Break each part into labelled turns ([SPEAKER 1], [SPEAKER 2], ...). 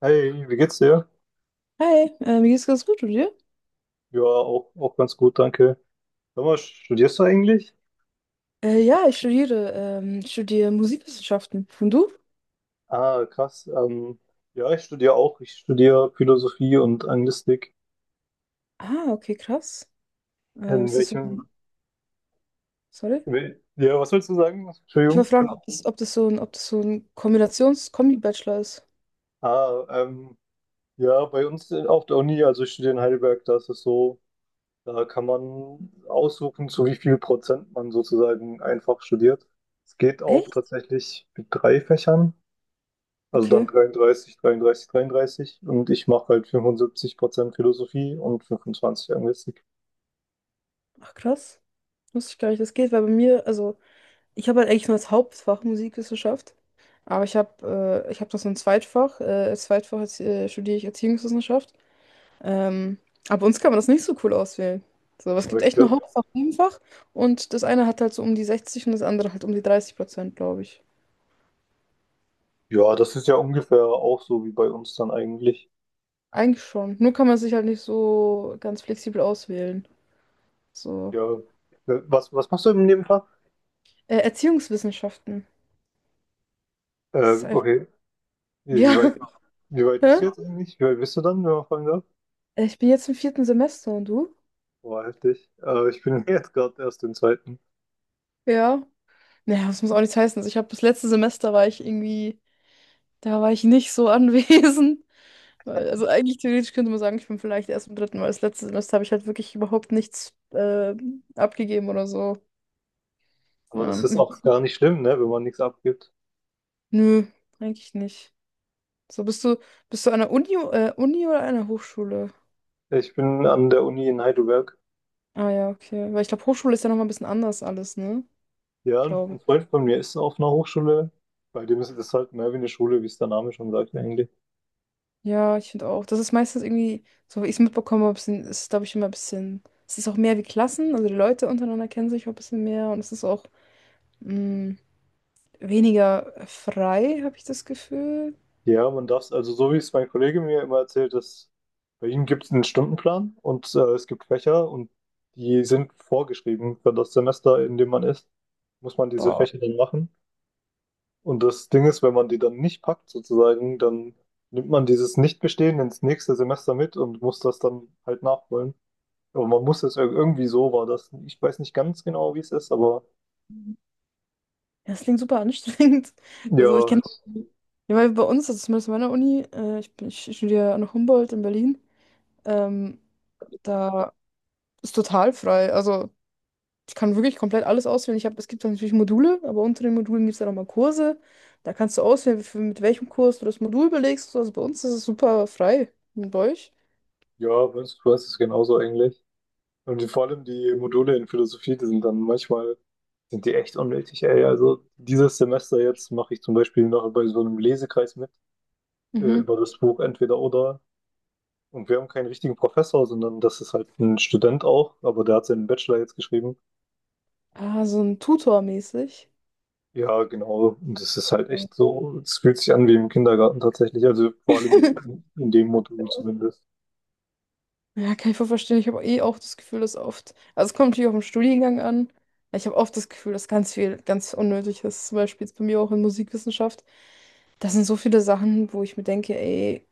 [SPEAKER 1] Hey, wie geht's dir?
[SPEAKER 2] Hi, mir geht's ganz gut, und dir?
[SPEAKER 1] Ja, auch, ganz gut, danke. Sag mal, studierst du eigentlich?
[SPEAKER 2] Ja, ich studiere Musikwissenschaften. Und du?
[SPEAKER 1] Ah, krass. Ja, ich studiere auch. Ich studiere Philosophie und Anglistik.
[SPEAKER 2] Ah, okay, krass.
[SPEAKER 1] In
[SPEAKER 2] Ist das so,
[SPEAKER 1] welchem?
[SPEAKER 2] sorry?
[SPEAKER 1] Ja, was willst du sagen?
[SPEAKER 2] Ich
[SPEAKER 1] Entschuldigung.
[SPEAKER 2] wollte fragen, ob das so ein Kombinations-Kombi-Bachelor ist.
[SPEAKER 1] Ah, ähm, ja, bei uns auf der Uni, also ich studiere in Heidelberg, da ist es so, da kann man aussuchen, zu wie viel Prozent man sozusagen einfach studiert. Es geht auch
[SPEAKER 2] Echt?
[SPEAKER 1] tatsächlich mit drei Fächern. Also dann
[SPEAKER 2] Okay.
[SPEAKER 1] 33, 33, 33 und ich mache halt 75% Philosophie und 25 Anglistik.
[SPEAKER 2] Ach, krass. Wusste ich gar nicht, das geht, weil bei mir, also, ich habe halt eigentlich nur als Hauptfach Musikwissenschaft. Aber ich habe noch so ein Zweitfach. Als Zweitfach jetzt, studiere ich Erziehungswissenschaft. Ähm, aber bei uns kann man das nicht so cool auswählen. So, aber es
[SPEAKER 1] Aber
[SPEAKER 2] gibt
[SPEAKER 1] ich
[SPEAKER 2] echt nur
[SPEAKER 1] glaube,
[SPEAKER 2] Hauptfach, Nebenfach, und das eine hat halt so um die 60 und das andere halt um die 30%, glaube ich.
[SPEAKER 1] ja, das ist ja ungefähr auch so wie bei uns dann eigentlich.
[SPEAKER 2] Eigentlich schon. Nur kann man sich halt nicht so ganz flexibel auswählen. So.
[SPEAKER 1] Ja. Was machst du im Nebenfach?
[SPEAKER 2] Erziehungswissenschaften. Das ist einfach.
[SPEAKER 1] Okay. Wie wie weit,
[SPEAKER 2] Ja.
[SPEAKER 1] wie weit bist
[SPEAKER 2] Hä?
[SPEAKER 1] du jetzt eigentlich? Wie weit bist du dann, wenn man fragen darf?
[SPEAKER 2] Ich bin jetzt im vierten Semester und du?
[SPEAKER 1] Boah, heftig. Ich bin jetzt gerade erst im zweiten.
[SPEAKER 2] Ja. Naja, das muss auch nichts heißen. Also ich habe das letzte Semester war ich irgendwie, da war ich nicht so anwesend. Also eigentlich theoretisch könnte man sagen, ich bin vielleicht erst im dritten, weil das letzte Semester habe ich halt wirklich überhaupt nichts abgegeben oder so.
[SPEAKER 1] Aber das ist
[SPEAKER 2] Ähm,
[SPEAKER 1] auch gar nicht schlimm, ne, wenn man nichts abgibt.
[SPEAKER 2] Nö, eigentlich nicht. So, bist du an der Uni, Uni oder einer Hochschule?
[SPEAKER 1] Ich bin an der Uni in Heidelberg.
[SPEAKER 2] Ah ja, okay. Weil ich glaube, Hochschule ist ja nochmal ein bisschen anders alles, ne? Ich
[SPEAKER 1] Ja, ein
[SPEAKER 2] glaube.
[SPEAKER 1] Freund von mir ist auf einer Hochschule, bei dem ist das halt mehr wie eine Schule, wie es der Name schon sagt eigentlich.
[SPEAKER 2] Ja, ich finde auch. Das ist meistens irgendwie, so wie ich es mitbekommen habe, ist es, glaube ich, immer ein bisschen. Es ist auch mehr wie Klassen, also die Leute untereinander kennen sich auch ein bisschen mehr und es ist auch mh, weniger frei, habe ich das Gefühl.
[SPEAKER 1] Ja, man darf es, also so wie es mein Kollege mir immer erzählt, dass bei ihm gibt es einen Stundenplan und es gibt Fächer und die sind vorgeschrieben für das Semester, in dem man ist, muss man diese
[SPEAKER 2] Boah.
[SPEAKER 1] Fächer dann machen. Und das Ding ist, wenn man die dann nicht packt sozusagen, dann nimmt man dieses Nichtbestehen ins nächste Semester mit und muss das dann halt nachholen. Aber man muss es irgendwie so war das. Ich weiß nicht ganz genau, wie es ist, aber
[SPEAKER 2] Ja, das klingt super anstrengend. Also ich
[SPEAKER 1] ja,
[SPEAKER 2] kenne, ja, weil bei uns, also zumindest in meiner Uni, ich studiere an Humboldt in Berlin, ähm, da ist total frei. Also ich kann wirklich komplett alles auswählen. Es gibt dann natürlich Module, aber unter den Modulen gibt es dann nochmal Kurse. Da kannst du auswählen, mit welchem Kurs du das Modul belegst. Also bei uns ist es super frei. Und bei euch?
[SPEAKER 1] ja, Burns Quest ist genauso eigentlich. Und vor allem die Module in Philosophie, die sind dann manchmal, sind die echt unnötig, ey. Also dieses Semester jetzt mache ich zum Beispiel noch bei so einem Lesekreis mit,
[SPEAKER 2] Mhm.
[SPEAKER 1] über das Buch Entweder oder. Und wir haben keinen richtigen Professor, sondern das ist halt ein Student auch, aber der hat seinen Bachelor jetzt geschrieben.
[SPEAKER 2] Ah, so ein Tutor mäßig.
[SPEAKER 1] Ja, genau. Und das ist halt echt so, es fühlt sich an wie im Kindergarten tatsächlich, also vor allem in dem Modul zumindest.
[SPEAKER 2] Ja, kann ich voll verstehen. Ich habe eh auch das Gefühl, dass oft, also es kommt natürlich auf den Studiengang an, aber ich habe oft das Gefühl, dass ganz viel, ganz unnötig ist. Zum Beispiel jetzt bei mir auch in Musikwissenschaft. Das sind so viele Sachen, wo ich mir denke, ey,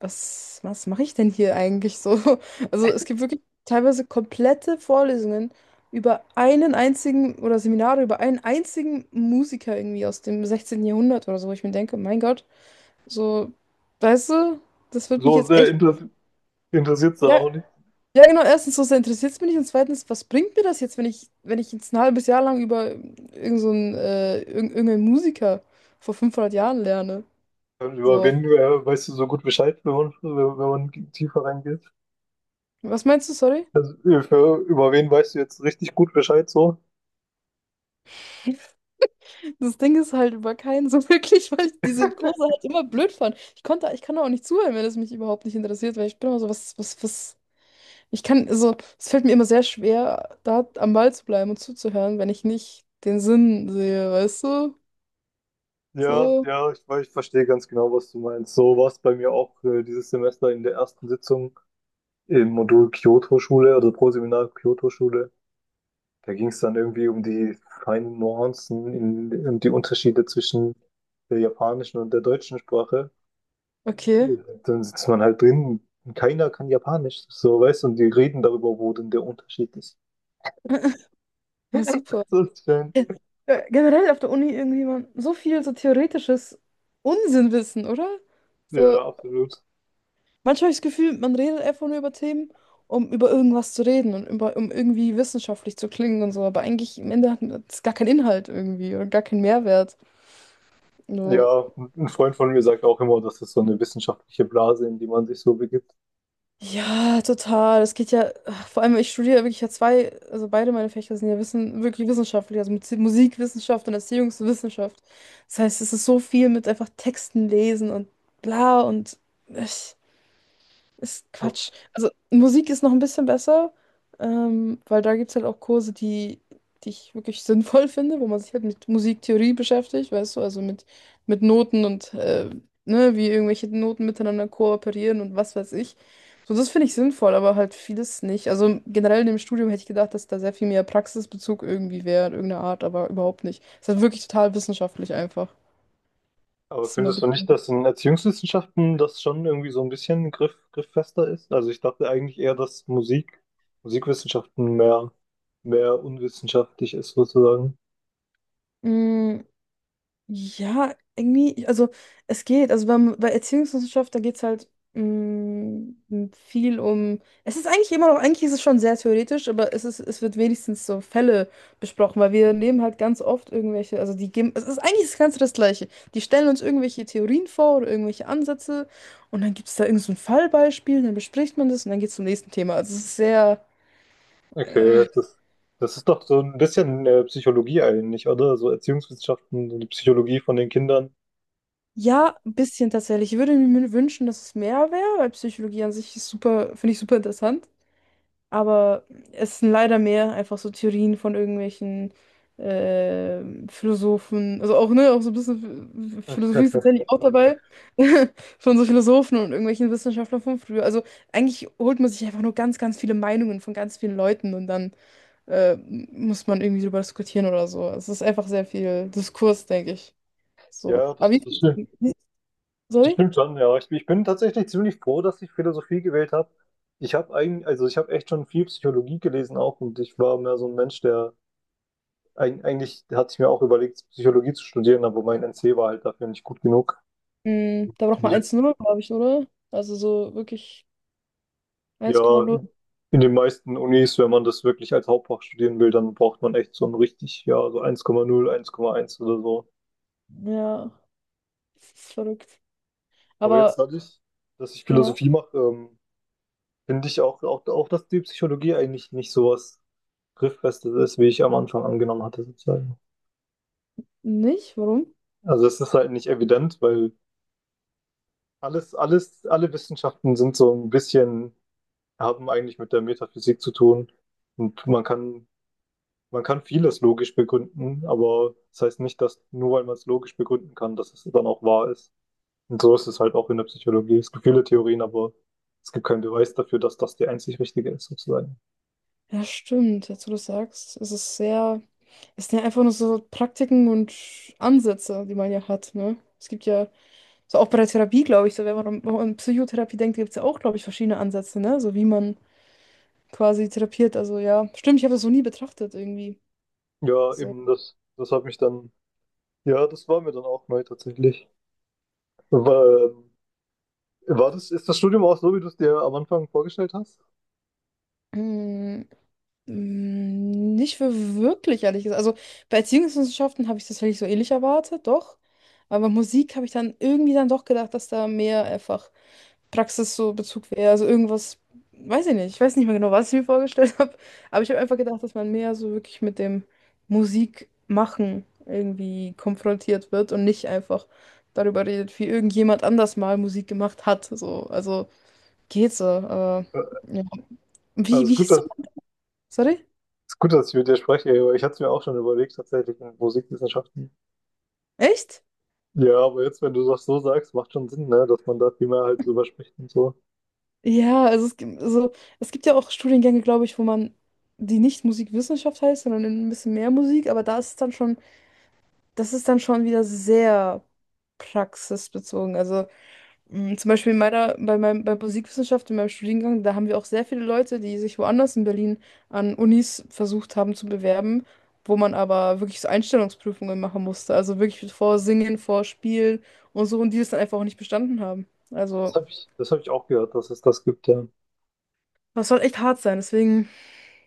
[SPEAKER 2] was mache ich denn hier eigentlich so? Also es gibt wirklich teilweise komplette Vorlesungen über einen einzigen oder Seminare über einen einzigen Musiker irgendwie aus dem 16. Jahrhundert oder so, wo ich mir denke, mein Gott, so, weißt du, das wird mich
[SPEAKER 1] So
[SPEAKER 2] jetzt
[SPEAKER 1] sehr
[SPEAKER 2] echt.
[SPEAKER 1] interessiert es dann
[SPEAKER 2] Ja,
[SPEAKER 1] auch.
[SPEAKER 2] ja, genau, erstens, so sehr interessiert es mich nicht und zweitens, was bringt mir das jetzt, wenn wenn ich jetzt ein halbes Jahr lang über irgendeinen Musiker vor 500 Jahren lerne?
[SPEAKER 1] Über
[SPEAKER 2] So,
[SPEAKER 1] wen weißt du so gut Bescheid, wenn man tiefer reingeht?
[SPEAKER 2] was meinst du, sorry?
[SPEAKER 1] Also, über wen weißt du jetzt richtig gut Bescheid so?
[SPEAKER 2] Das Ding ist halt war kein so wirklich, weil ich diese Kurse halt immer blöd fand. Ich kann auch nicht zuhören, wenn es mich überhaupt nicht interessiert, weil ich bin immer so, also, es fällt mir immer sehr schwer, da am Ball zu bleiben und zuzuhören, wenn ich nicht den Sinn sehe, weißt du?
[SPEAKER 1] Ja,
[SPEAKER 2] So,
[SPEAKER 1] ja, ich verstehe ganz genau, was du meinst. So war es bei mir auch dieses Semester in der ersten Sitzung im Modul Kyoto-Schule, also Proseminar Kyoto-Schule. Da ging es dann irgendwie um die feinen Nuancen und die Unterschiede zwischen der japanischen und der deutschen Sprache.
[SPEAKER 2] okay.
[SPEAKER 1] Dann sitzt man halt drin und keiner kann Japanisch, so weißt du, und die reden darüber, wo denn der Unterschied ist.
[SPEAKER 2] Ja, super.
[SPEAKER 1] Das ist schön.
[SPEAKER 2] Äh, Generell auf der Uni irgendwie man so viel so theoretisches Unsinnwissen, oder? So,
[SPEAKER 1] Ja, absolut.
[SPEAKER 2] manchmal habe ich das Gefühl, man redet einfach nur über Themen, um über irgendwas zu reden um irgendwie wissenschaftlich zu klingen und so, aber eigentlich im Ende hat das gar keinen Inhalt irgendwie oder gar keinen Mehrwert. So.
[SPEAKER 1] Ja, ein Freund von mir sagt auch immer, das ist so eine wissenschaftliche Blase, in die man sich so begibt.
[SPEAKER 2] Ja, total. Es geht ja, ach, vor allem, ich studiere wirklich ja zwei, also beide meine Fächer sind ja wirklich wissenschaftlich, also mit Musikwissenschaft und Erziehungswissenschaft. Das heißt, es ist so viel mit einfach Texten lesen und bla und ich, ist
[SPEAKER 1] Aber
[SPEAKER 2] Quatsch. Also Musik ist noch ein bisschen besser, weil da gibt es halt auch Kurse, die, die ich wirklich sinnvoll finde, wo man sich halt mit Musiktheorie beschäftigt, weißt du, also mit Noten und ne, wie irgendwelche Noten miteinander kooperieren und was weiß ich. So, das finde ich sinnvoll, aber halt vieles nicht. Also generell in dem Studium hätte ich gedacht, dass da sehr viel mehr Praxisbezug irgendwie wäre, in irgendeiner Art, aber überhaupt nicht. Es ist halt wirklich total wissenschaftlich einfach.
[SPEAKER 1] aber
[SPEAKER 2] Das ist immer
[SPEAKER 1] findest du
[SPEAKER 2] bitter.
[SPEAKER 1] nicht, dass in Erziehungswissenschaften das schon irgendwie so ein bisschen grifffester ist? Also ich dachte eigentlich eher, dass Musikwissenschaften mehr unwissenschaftlich ist sozusagen.
[SPEAKER 2] Ja, irgendwie, also es geht. Also bei Erziehungswissenschaft, da geht es halt mm, viel um. Es ist eigentlich immer noch, eigentlich ist es schon sehr theoretisch, aber es wird wenigstens so Fälle besprochen, weil wir nehmen halt ganz oft irgendwelche, also es ist eigentlich das Ganze das Gleiche. Die stellen uns irgendwelche Theorien vor oder irgendwelche Ansätze und dann gibt es da irgend so ein Fallbeispiel, dann bespricht man das und dann geht es zum nächsten Thema. Also es ist sehr.
[SPEAKER 1] Okay,
[SPEAKER 2] äh,
[SPEAKER 1] das ist, das ist doch so ein bisschen Psychologie eigentlich, oder? So Erziehungswissenschaften, so die Psychologie von den Kindern.
[SPEAKER 2] Ja, ein bisschen tatsächlich. Ich würde mir wünschen, dass es mehr wäre, weil Psychologie an sich ist super, finde ich super interessant. Aber es sind leider mehr einfach so Theorien von irgendwelchen Philosophen, also auch, ne, auch so ein bisschen Philosophie ist tatsächlich auch dabei, von so Philosophen und irgendwelchen Wissenschaftlern von früher. Also eigentlich holt man sich einfach nur ganz, ganz viele Meinungen von ganz vielen Leuten und dann muss man irgendwie drüber diskutieren oder so. Es ist einfach sehr viel Diskurs, denke ich. So.
[SPEAKER 1] Ja,
[SPEAKER 2] Aber wie,
[SPEAKER 1] das stimmt.
[SPEAKER 2] wie
[SPEAKER 1] Das
[SPEAKER 2] sorry?
[SPEAKER 1] stimmt schon, ja. Ich bin tatsächlich ziemlich froh, dass ich Philosophie gewählt habe. Ich habe eigentlich, also ich habe echt schon viel Psychologie gelesen auch und ich war mehr so ein Mensch, der eigentlich hatte ich mir auch überlegt, Psychologie zu studieren, aber mein NC war halt dafür nicht gut genug.
[SPEAKER 2] Da braucht
[SPEAKER 1] Wie
[SPEAKER 2] man
[SPEAKER 1] jetzt,
[SPEAKER 2] 1 null, glaube ich, oder? Also so wirklich eins komma
[SPEAKER 1] ja,
[SPEAKER 2] null
[SPEAKER 1] in den meisten Unis, wenn man das wirklich als Hauptfach studieren will, dann braucht man echt so ein richtig, ja, so 1,0, 1,1 oder so.
[SPEAKER 2] ja. Das ist verrückt.
[SPEAKER 1] Aber jetzt
[SPEAKER 2] Aber
[SPEAKER 1] dadurch, dass ich
[SPEAKER 2] ja,
[SPEAKER 1] Philosophie mache, finde ich auch, dass die Psychologie eigentlich nicht sowas grifffest ist, wie ich am Anfang angenommen hatte, sozusagen.
[SPEAKER 2] nicht? Warum?
[SPEAKER 1] Also es ist halt nicht evident, weil alle Wissenschaften sind so ein bisschen, haben eigentlich mit der Metaphysik zu tun. Und man kann, man kann vieles logisch begründen, aber das heißt nicht, dass nur weil man es logisch begründen kann, dass es dann auch wahr ist. Und so ist es halt auch in der Psychologie. Es gibt viele Theorien, aber es gibt keinen Beweis dafür, dass das die einzig richtige ist, sozusagen.
[SPEAKER 2] Ja, stimmt, jetzt wo du sagst, es sind ja einfach nur so Praktiken und Ansätze, die man ja hat, ne? Es gibt ja, so auch bei der Therapie, glaube ich, so wenn man an Psychotherapie denkt, gibt es ja auch, glaube ich, verschiedene Ansätze, ne? So wie man quasi therapiert, also ja, stimmt, ich habe das so nie betrachtet irgendwie.
[SPEAKER 1] Ja,
[SPEAKER 2] So.
[SPEAKER 1] eben, das, das hat mich dann, ja, das war mir dann auch neu tatsächlich. Weil, ähm, War ist das Studium auch so, wie du es dir am Anfang vorgestellt hast?
[SPEAKER 2] hm, Nicht für wirklich, ehrlich gesagt. Also bei Erziehungswissenschaften habe ich tatsächlich so ähnlich erwartet, doch. Aber Musik habe ich dann irgendwie dann doch gedacht, dass da mehr einfach Praxis so Bezug wäre. Also irgendwas, weiß ich nicht. Ich weiß nicht mehr genau, was ich mir vorgestellt habe. Aber ich habe einfach gedacht, dass man mehr so wirklich mit dem Musikmachen irgendwie konfrontiert wird und nicht einfach darüber redet, wie irgendjemand anders mal Musik gemacht hat. So, also geht so. Aber,
[SPEAKER 1] Äh,
[SPEAKER 2] ja. Wie,
[SPEAKER 1] Also ist
[SPEAKER 2] wie
[SPEAKER 1] gut,
[SPEAKER 2] hieß so?
[SPEAKER 1] dass,
[SPEAKER 2] Sorry?
[SPEAKER 1] ist gut, dass ich mit dir spreche, aber ich hatte es mir auch schon überlegt, tatsächlich in Musikwissenschaften.
[SPEAKER 2] Echt?
[SPEAKER 1] Ja, aber jetzt, wenn du das so sagst, macht schon Sinn, ne, dass man da viel mehr halt drüber spricht und so.
[SPEAKER 2] Ja, also es gibt ja auch Studiengänge, glaube ich, wo man die nicht Musikwissenschaft heißt, sondern ein bisschen mehr Musik, aber da ist es dann schon, das ist dann schon wieder sehr praxisbezogen. Also zum Beispiel in meiner, bei meinem, bei Musikwissenschaft, in meinem Studiengang, da haben wir auch sehr viele Leute, die sich woanders in Berlin an Unis versucht haben zu bewerben, wo man aber wirklich so Einstellungsprüfungen machen musste. Also wirklich vor Singen, vor Spielen und so, und die das dann einfach auch nicht bestanden haben. Also,
[SPEAKER 1] Das hab ich auch gehört, dass es das gibt, ja.
[SPEAKER 2] das soll echt hart sein, deswegen.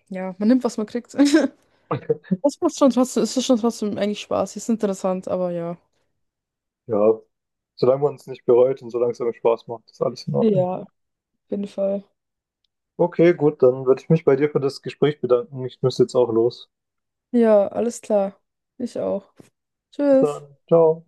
[SPEAKER 2] Ja, man nimmt, was man kriegt. Das macht schon trotzdem, es ist schon trotzdem eigentlich Spaß. Ist interessant, aber ja.
[SPEAKER 1] Ja, solange man es nicht bereut und solange es einem Spaß macht, ist alles in Ordnung.
[SPEAKER 2] Ja, auf jeden Fall.
[SPEAKER 1] Okay, gut, dann würde ich mich bei dir für das Gespräch bedanken. Ich müsste jetzt auch los.
[SPEAKER 2] Ja, alles klar. Ich auch.
[SPEAKER 1] Bis
[SPEAKER 2] Tschüss.
[SPEAKER 1] dann. Ciao.